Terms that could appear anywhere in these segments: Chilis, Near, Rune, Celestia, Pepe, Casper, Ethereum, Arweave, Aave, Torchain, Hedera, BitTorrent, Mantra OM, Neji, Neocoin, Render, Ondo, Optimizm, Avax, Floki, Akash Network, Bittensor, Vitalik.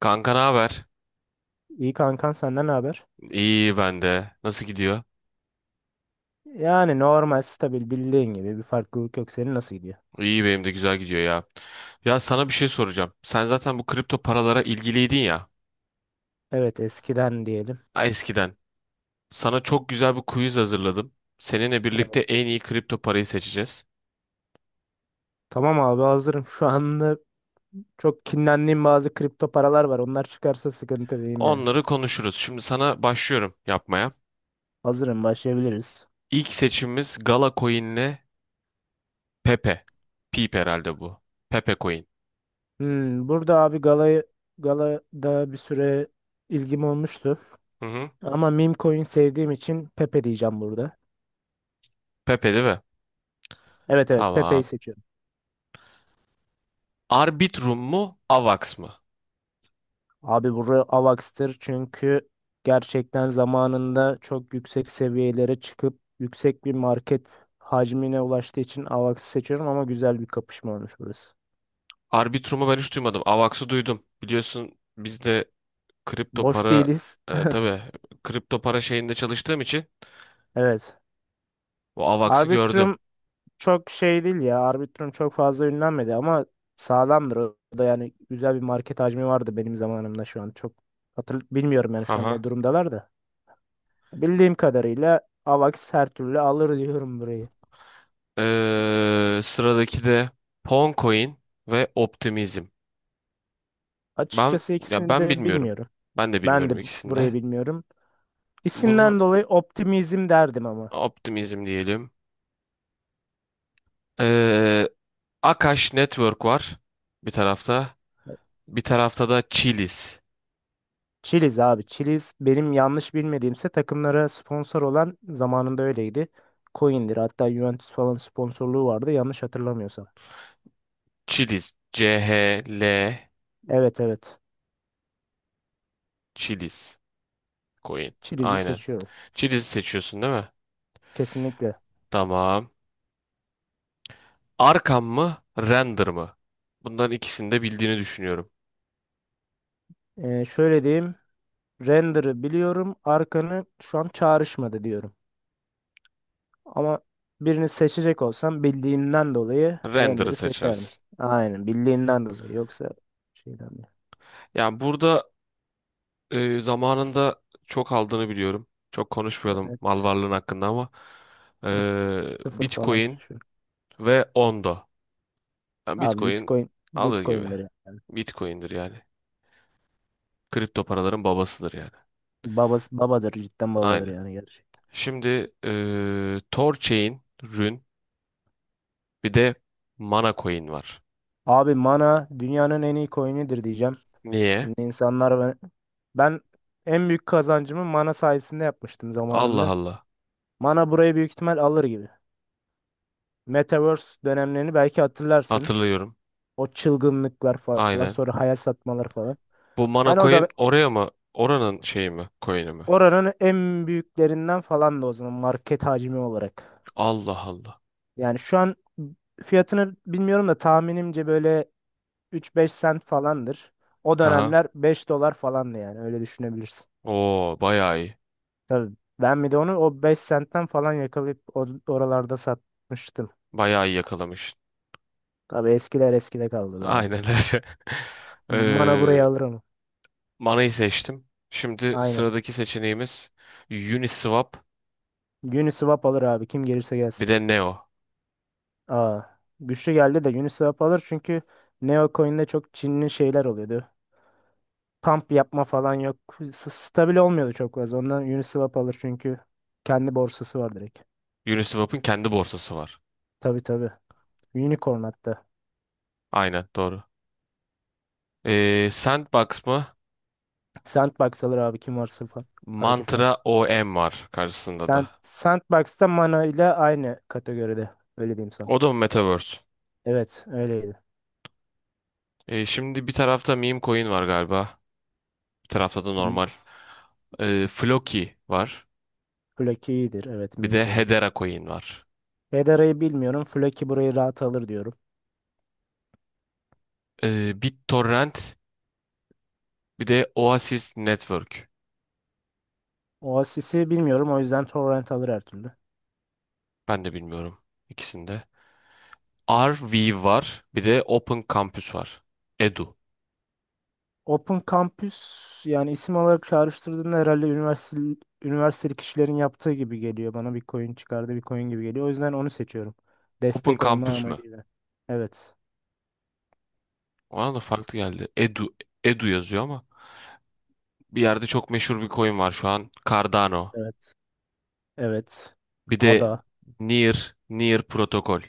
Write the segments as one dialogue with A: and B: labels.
A: Kanka ne haber?
B: İyi kankam senden ne haber?
A: İyi ben de. Nasıl gidiyor?
B: Yani normal stabil bildiğin gibi bir farklılık yok. Senin nasıl gidiyor?
A: İyi benim de güzel gidiyor ya. Ya sana bir şey soracağım. Sen zaten bu kripto paralara ilgiliydin ya.
B: Evet eskiden diyelim.
A: Ha, Eskiden. Sana çok güzel bir quiz hazırladım. Seninle birlikte
B: Evet.
A: en iyi kripto parayı seçeceğiz.
B: Tamam abi hazırım. Şu anda çok kinlendiğim bazı kripto paralar var. Onlar çıkarsa sıkıntı değil yani.
A: Onları konuşuruz. Şimdi sana başlıyorum yapmaya.
B: Hazırım başlayabiliriz.
A: İlk seçimimiz Gala Coin, Pepe. Peep herhalde bu. Pepe Coin.
B: Hmm, burada abi galayı galada bir süre ilgim olmuştu.
A: Hı hı.
B: Ama meme coin sevdiğim için Pepe diyeceğim burada.
A: Pepe değil mi?
B: Evet evet, Pepe'yi
A: Tamam.
B: seçiyorum.
A: Arbitrum mu? Avax mı?
B: Abi buraya Avax'tır çünkü gerçekten zamanında çok yüksek seviyelere çıkıp yüksek bir market hacmine ulaştığı için Avax'ı seçiyorum, ama güzel bir kapışma olmuş burası.
A: Arbitrum'u ben hiç duymadım. Avax'ı duydum. Biliyorsun biz de kripto
B: Boş
A: para,
B: değiliz.
A: tabii kripto para şeyinde çalıştığım için
B: Evet.
A: bu Avax'ı gördüm.
B: Arbitrum çok şey değil ya. Arbitrum çok fazla ünlenmedi ama sağlamdır. O da yani güzel bir market hacmi vardı benim zamanımda şu an. Çok hatır bilmiyorum yani şu an ne
A: Haha.
B: durumdalar da. Bildiğim kadarıyla Avax her türlü alır diyorum burayı.
A: Sıradaki de Poncoin ve Optimizm. Ben
B: Açıkçası
A: ya
B: ikisini
A: ben
B: de
A: bilmiyorum.
B: bilmiyorum.
A: Ben de
B: Ben
A: bilmiyorum
B: de
A: ikisini
B: burayı
A: de.
B: bilmiyorum.
A: Bunu
B: İsimden dolayı optimizm derdim ama.
A: Optimizm diyelim. Ee, Akash Network var bir tarafta. Bir tarafta da Chilis.
B: Chiliz abi. Chiliz benim yanlış bilmediğimse takımlara sponsor olan, zamanında öyleydi. Coin'dir. Hatta Juventus falan sponsorluğu vardı yanlış hatırlamıyorsam.
A: Chilis, C-H-L
B: Evet evet.
A: Chilis Coin.
B: Chiliz'i
A: Aynen.
B: seçiyorum.
A: Chili'si seçiyorsun değil mi?
B: Kesinlikle.
A: Tamam. Arkan mı? Render mı? Bunların ikisini de bildiğini düşünüyorum.
B: Şöyle diyeyim. Render'ı biliyorum. Arkanı şu an çağrışmadı diyorum. Ama birini seçecek olsam bildiğimden dolayı
A: Render'ı
B: Render'ı seçerdim.
A: seçersin.
B: Aynen, bildiğimden dolayı. Yoksa şeyden değil.
A: Yani burada, zamanında çok aldığını biliyorum. Çok konuşmayalım mal
B: Evet.
A: varlığın hakkında ama
B: Sıfır falan
A: Bitcoin
B: şu.
A: ve Ondo. Yani
B: Abi
A: Bitcoin
B: Bitcoin
A: alır gibi.
B: Bitcoin'dir yani.
A: Bitcoin'dir yani. Kripto paraların babasıdır yani.
B: Babası babadır, cidden babadır
A: Aynen.
B: yani, gerçek.
A: Şimdi, Torchain, Rune bir de Mana Coin var.
B: Abi mana dünyanın en iyi coin'idir diyeceğim.
A: Niye?
B: Şimdi insanlar, ben en büyük kazancımı mana sayesinde yapmıştım
A: Allah
B: zamanında.
A: Allah.
B: Mana burayı büyük ihtimal alır gibi. Metaverse dönemlerini belki hatırlarsın.
A: Hatırlıyorum.
B: O çılgınlıklar falan,
A: Aynen.
B: sonra hayal satmaları falan.
A: Bu mana
B: Ben o da
A: coin oraya mı? Oranın şeyi mi? Coin'i mi?
B: oranın en büyüklerinden falan da o zaman, market hacmi olarak.
A: Allah Allah.
B: Yani şu an fiyatını bilmiyorum da tahminimce böyle 3-5 sent falandır. O
A: Ha.
B: dönemler 5 dolar falandı yani, öyle düşünebilirsin.
A: Oo, bayağı iyi.
B: Tabii ben bir de onu o 5 sentten falan yakalayıp oralarda satmıştım.
A: Bayağı iyi yakalamış.
B: Tabii eskiler eskide kaldı be abi.
A: Aynen öyle.
B: Mana
A: Ee,
B: buraya alır ama.
A: Manayı seçtim. Şimdi
B: Aynen.
A: sıradaki seçeneğimiz Uniswap,
B: Uniswap alır abi, kim gelirse gelsin.
A: bir de Neo.
B: Aa, güçlü geldi de Uniswap alır çünkü Neocoin'de çok Çinli şeyler oluyordu. Pump yapma falan yok. Stabil olmuyordu çok fazla. Ondan Uniswap alır çünkü kendi borsası var direkt.
A: Uniswap'ın kendi borsası var.
B: Tabii tabii. Unicorn hatta.
A: Aynen doğru. Sandbox mı?
B: Sandbox alır abi, kim varsa fark etmez.
A: Mantra OM var karşısında
B: Sen
A: da.
B: Sandbox'ta, Mana ile aynı kategoride. Öyle diyeyim sana.
A: O da mı Metaverse?
B: Evet, öyleydi.
A: E, şimdi bir tarafta meme coin var galiba. Bir tarafta da
B: M-
A: normal. E, Floki var.
B: Floki iyidir. Evet,
A: Bir
B: meme
A: de
B: coin.
A: Hedera coin var.
B: Fedara'yı bilmiyorum. Floki burayı rahat alır diyorum.
A: E, BitTorrent bir de Oasis Network.
B: Oasis'i bilmiyorum. O yüzden Torrent alır her türlü.
A: Ben de bilmiyorum ikisinde. Arweave var. Bir de Open Campus var. Edu.
B: Open Campus yani isim olarak çağrıştırdığında herhalde üniversiteli kişilerin yaptığı gibi geliyor. Bana bir coin çıkardı, bir coin gibi geliyor. O yüzden onu seçiyorum.
A: Open
B: Destek olma
A: Campus mü?
B: amacıyla. Evet.
A: Ona da farklı geldi. Edu. Edu yazıyor ama. Bir yerde çok meşhur bir coin var şu an. Cardano.
B: Evet. Evet.
A: Bir de
B: Ada.
A: Near. Near Protokol.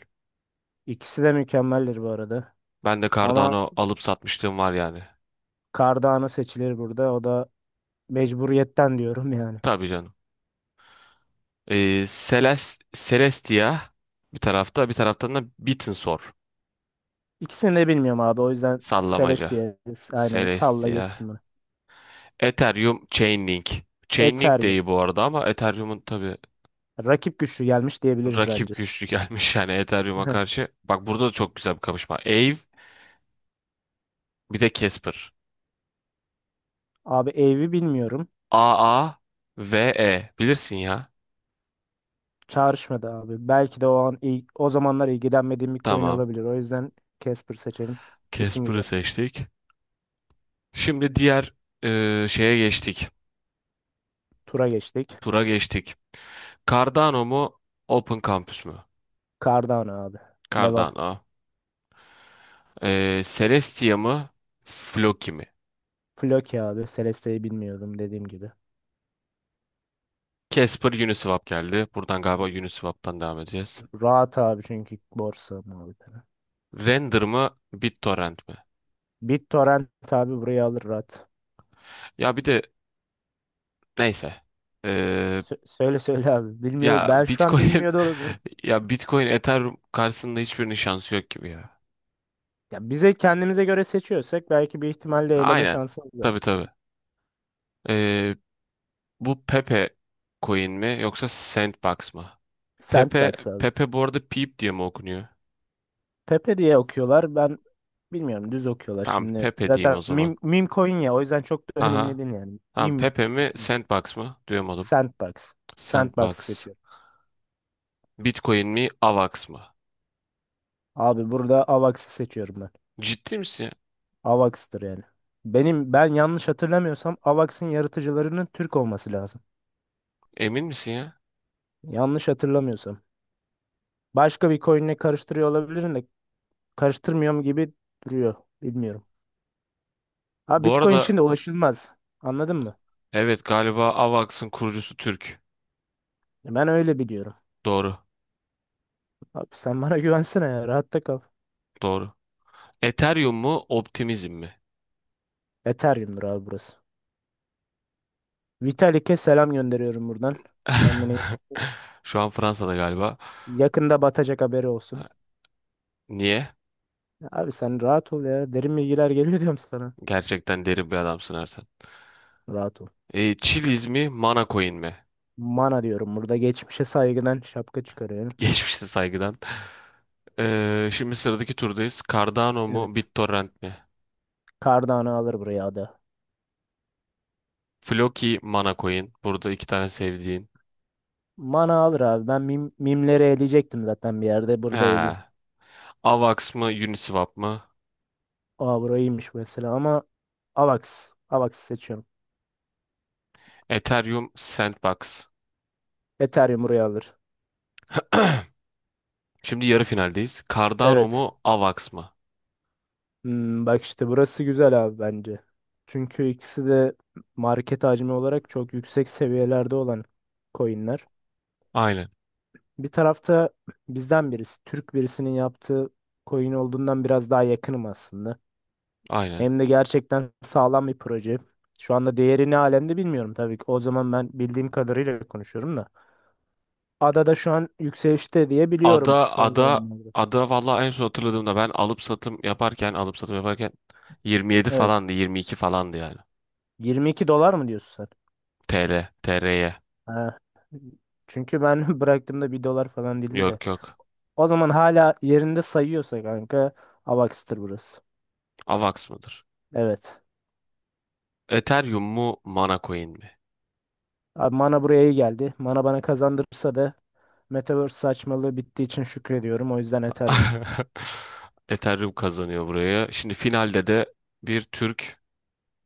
B: İkisi de mükemmeldir bu arada.
A: Ben de
B: Ama
A: Cardano alıp satmışlığım var yani.
B: Cardano seçilir burada. O da mecburiyetten diyorum yani.
A: Tabii canım. Seles Celestia bir tarafta, bir taraftan da Bittensor
B: İkisini de bilmiyorum abi. O yüzden
A: sallamaca.
B: Celestia, aynen salla
A: Celestia.
B: geçsin bunu.
A: Ethereum Chainlink. Chainlink de
B: Ethereum.
A: iyi bu arada ama Ethereum'un tabii
B: Rakip güçlü gelmiş diyebiliriz bence.
A: rakip güçlü gelmiş yani Ethereum'a karşı. Bak burada da çok güzel bir kapışma. Aave bir de Casper.
B: Abi Eevee bilmiyorum.
A: A ve E. Bilirsin ya.
B: Çağrışmadı abi. Belki de o an o zamanlar ilgilenmediğim bir coin
A: Tamam.
B: olabilir. O yüzden Casper seçelim. İsim
A: Casper'ı
B: güzel.
A: seçtik. Şimdi diğer şeye geçtik.
B: Tura geçtik.
A: Tura geçtik. Cardano mu? Open Campus mu?
B: Cardano abi. Devam.
A: Cardano. Celestia mı? Floki mi?
B: Floki abi. Celeste'yi bilmiyordum, dediğim gibi.
A: Casper Uniswap geldi. Buradan galiba Uniswap'tan devam edeceğiz.
B: Rahat abi, çünkü borsa muhabbetine.
A: Render mı? BitTorrent mi?
B: BitTorrent abi, burayı alır rahat.
A: Ya bir de neyse. Ee,
B: Söyle söyle abi. Bilmiyor.
A: ya
B: Ben şu an
A: Bitcoin
B: bilmiyor da olabilirim.
A: ya Bitcoin Ethereum karşısında hiçbirinin şansı yok gibi ya.
B: Ya bize kendimize göre seçiyorsak belki bir ihtimalle eleme
A: Aynen.
B: şansımız var.
A: Tabii tabii. Ee, Bu Pepe coin mi yoksa Sandbox mı? Pepe
B: Sandbox abi.
A: Pepe bu arada Peep diye mi okunuyor?
B: Pepe diye okuyorlar. Ben bilmiyorum, düz okuyorlar
A: Tamam
B: şimdi.
A: Pepe diyeyim o
B: Zaten meme,
A: zaman.
B: meme coin ya, o yüzden çok da önemli
A: Aha.
B: değil yani.
A: Tamam
B: Meme
A: Pepe mi Sandbox mı? Duyamadım.
B: Sandbox. Sandbox
A: Sandbox.
B: seçiyorum.
A: Bitcoin mi, AVAX mı?
B: Abi burada Avax'ı seçiyorum ben.
A: Ciddi misin ya?
B: Avax'tır yani. Ben yanlış hatırlamıyorsam Avax'ın yaratıcılarının Türk olması lazım.
A: Emin misin ya?
B: Yanlış hatırlamıyorsam. Başka bir coin'le karıştırıyor olabilirim de karıştırmıyorum gibi duruyor. Bilmiyorum. Ha,
A: Bu
B: Bitcoin
A: arada
B: şimdi ulaşılmaz. Anladın mı?
A: evet galiba AVAX'ın kurucusu Türk.
B: Ben öyle biliyorum.
A: Doğru,
B: Abi sen bana güvensene ya. Rahatta kal.
A: doğru. Ethereum mu, Optimizm mi?
B: Ethereum'dur abi burası. Vitalik'e selam gönderiyorum buradan. Kendini
A: Şu an Fransa'da galiba.
B: yakında batacak, haberi olsun.
A: Niye?
B: Abi sen rahat ol ya. Derin bilgiler geliyor diyorum sana.
A: Gerçekten derin bir adamsın Ertan.
B: Rahat ol.
A: E, Chiliz mi, Mana Coin mi?
B: Mana diyorum burada, geçmişe saygıdan şapka çıkarıyorum.
A: Geçmişte saygıdan. E, şimdi sıradaki turdayız. Cardano mu,
B: Evet.
A: BitTorrent mi?
B: Cardano alır buraya adı.
A: Floki, Mana Coin. Burada iki tane sevdiğin.
B: Mana alır abi. Ben mimleri eleyecektim zaten bir yerde.
A: He.
B: Burada eleyeyim.
A: AVAX mı, Uniswap mı?
B: Aa, burayıymış mesela ama Avax. Avax seçiyorum.
A: Ethereum, Sandbox.
B: Ethereum buraya alır.
A: Şimdi yarı finaldeyiz. Cardano
B: Evet.
A: mu, AVAX mı?
B: Hmm, bak işte burası güzel abi bence. Çünkü ikisi de market hacmi olarak çok yüksek seviyelerde olan coinler.
A: Aynen,
B: Bir tarafta bizden birisi, Türk birisinin yaptığı coin olduğundan biraz daha yakınım aslında.
A: aynen.
B: Hem de gerçekten sağlam bir proje. Şu anda değeri ne alemde bilmiyorum tabii ki. O zaman ben bildiğim kadarıyla konuşuyorum da. Adada şu an yükselişte diye
A: Ada,
B: biliyorum son
A: ada,
B: zamanlarda.
A: ada vallahi en son hatırladığımda ben alıp satım yaparken, alıp satım yaparken 27
B: Evet.
A: falandı, 22 falandı yani.
B: 22 dolar mı diyorsun sen?
A: TL, TR'ye.
B: Ha. Çünkü ben bıraktığımda bir dolar falan değildi de.
A: Yok yok.
B: O zaman hala yerinde sayıyorsa kanka, Avax'tır burası.
A: AVAX mıdır?
B: Evet.
A: Ethereum mu, Mana Coin mi?
B: Abi mana buraya iyi geldi. Mana bana kazandırırsa da Metaverse saçmalığı bittiği için şükrediyorum. O yüzden Ethereum.
A: Ethereum kazanıyor buraya. Şimdi finalde de bir Türk,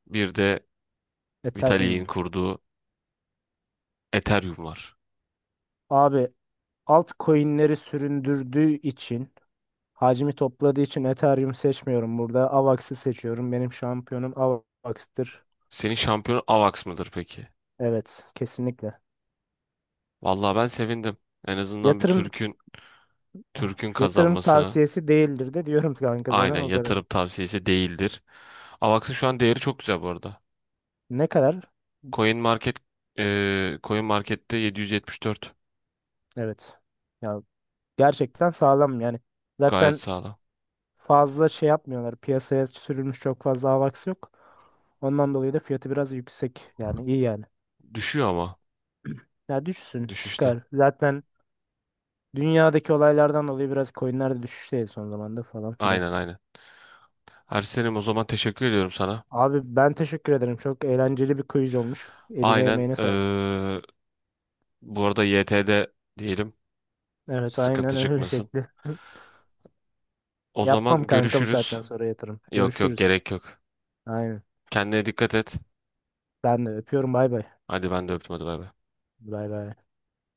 A: bir de
B: Ethereum
A: Vitalik'in
B: var.
A: kurduğu Ethereum var.
B: Abi altcoin'leri süründürdüğü için, hacmi topladığı için Ethereum seçmiyorum burada. Avax'ı seçiyorum. Benim şampiyonum Avax'tır.
A: Senin şampiyonun Avax mıdır peki?
B: Evet, kesinlikle.
A: Vallahi ben sevindim. En azından bir
B: Yatırım
A: Türk'ün
B: Yatırım
A: kazanmasına,
B: tavsiyesi değildir de diyorum kanka
A: aynen,
B: sana, o kadar.
A: yatırım tavsiyesi değildir. Avax'ın şu an değeri çok güzel bu arada.
B: Ne kadar?
A: Coin Market Coin Market'te 774.
B: Evet. Ya, gerçekten sağlam yani.
A: Gayet
B: Zaten
A: sağlam.
B: fazla şey yapmıyorlar. Piyasaya sürülmüş çok fazla Avax yok. Ondan dolayı da fiyatı biraz yüksek. Yani iyi yani.
A: Düşüyor ama
B: Ya düşsün,
A: düşüşte.
B: çıkar. Zaten dünyadaki olaylardan dolayı biraz coinler de düşüşteydi son zamanda falan filan.
A: Aynen aynen. Ersen'im o zaman teşekkür ediyorum sana.
B: Abi ben teşekkür ederim. Çok eğlenceli bir quiz olmuş. Eline
A: Aynen
B: emeğine sağlık.
A: eee, bu arada YT'de diyelim
B: Evet
A: sıkıntı
B: aynen öyle
A: çıkmasın.
B: şekli.
A: O
B: Yapmam
A: zaman
B: kanka bu
A: görüşürüz.
B: saatten sonra yatırım.
A: Yok yok
B: Görüşürüz.
A: gerek yok.
B: Aynen.
A: Kendine dikkat et.
B: Ben de öpüyorum, bay bay.
A: Hadi ben de öptüm hadi bay bay.
B: Bay bay.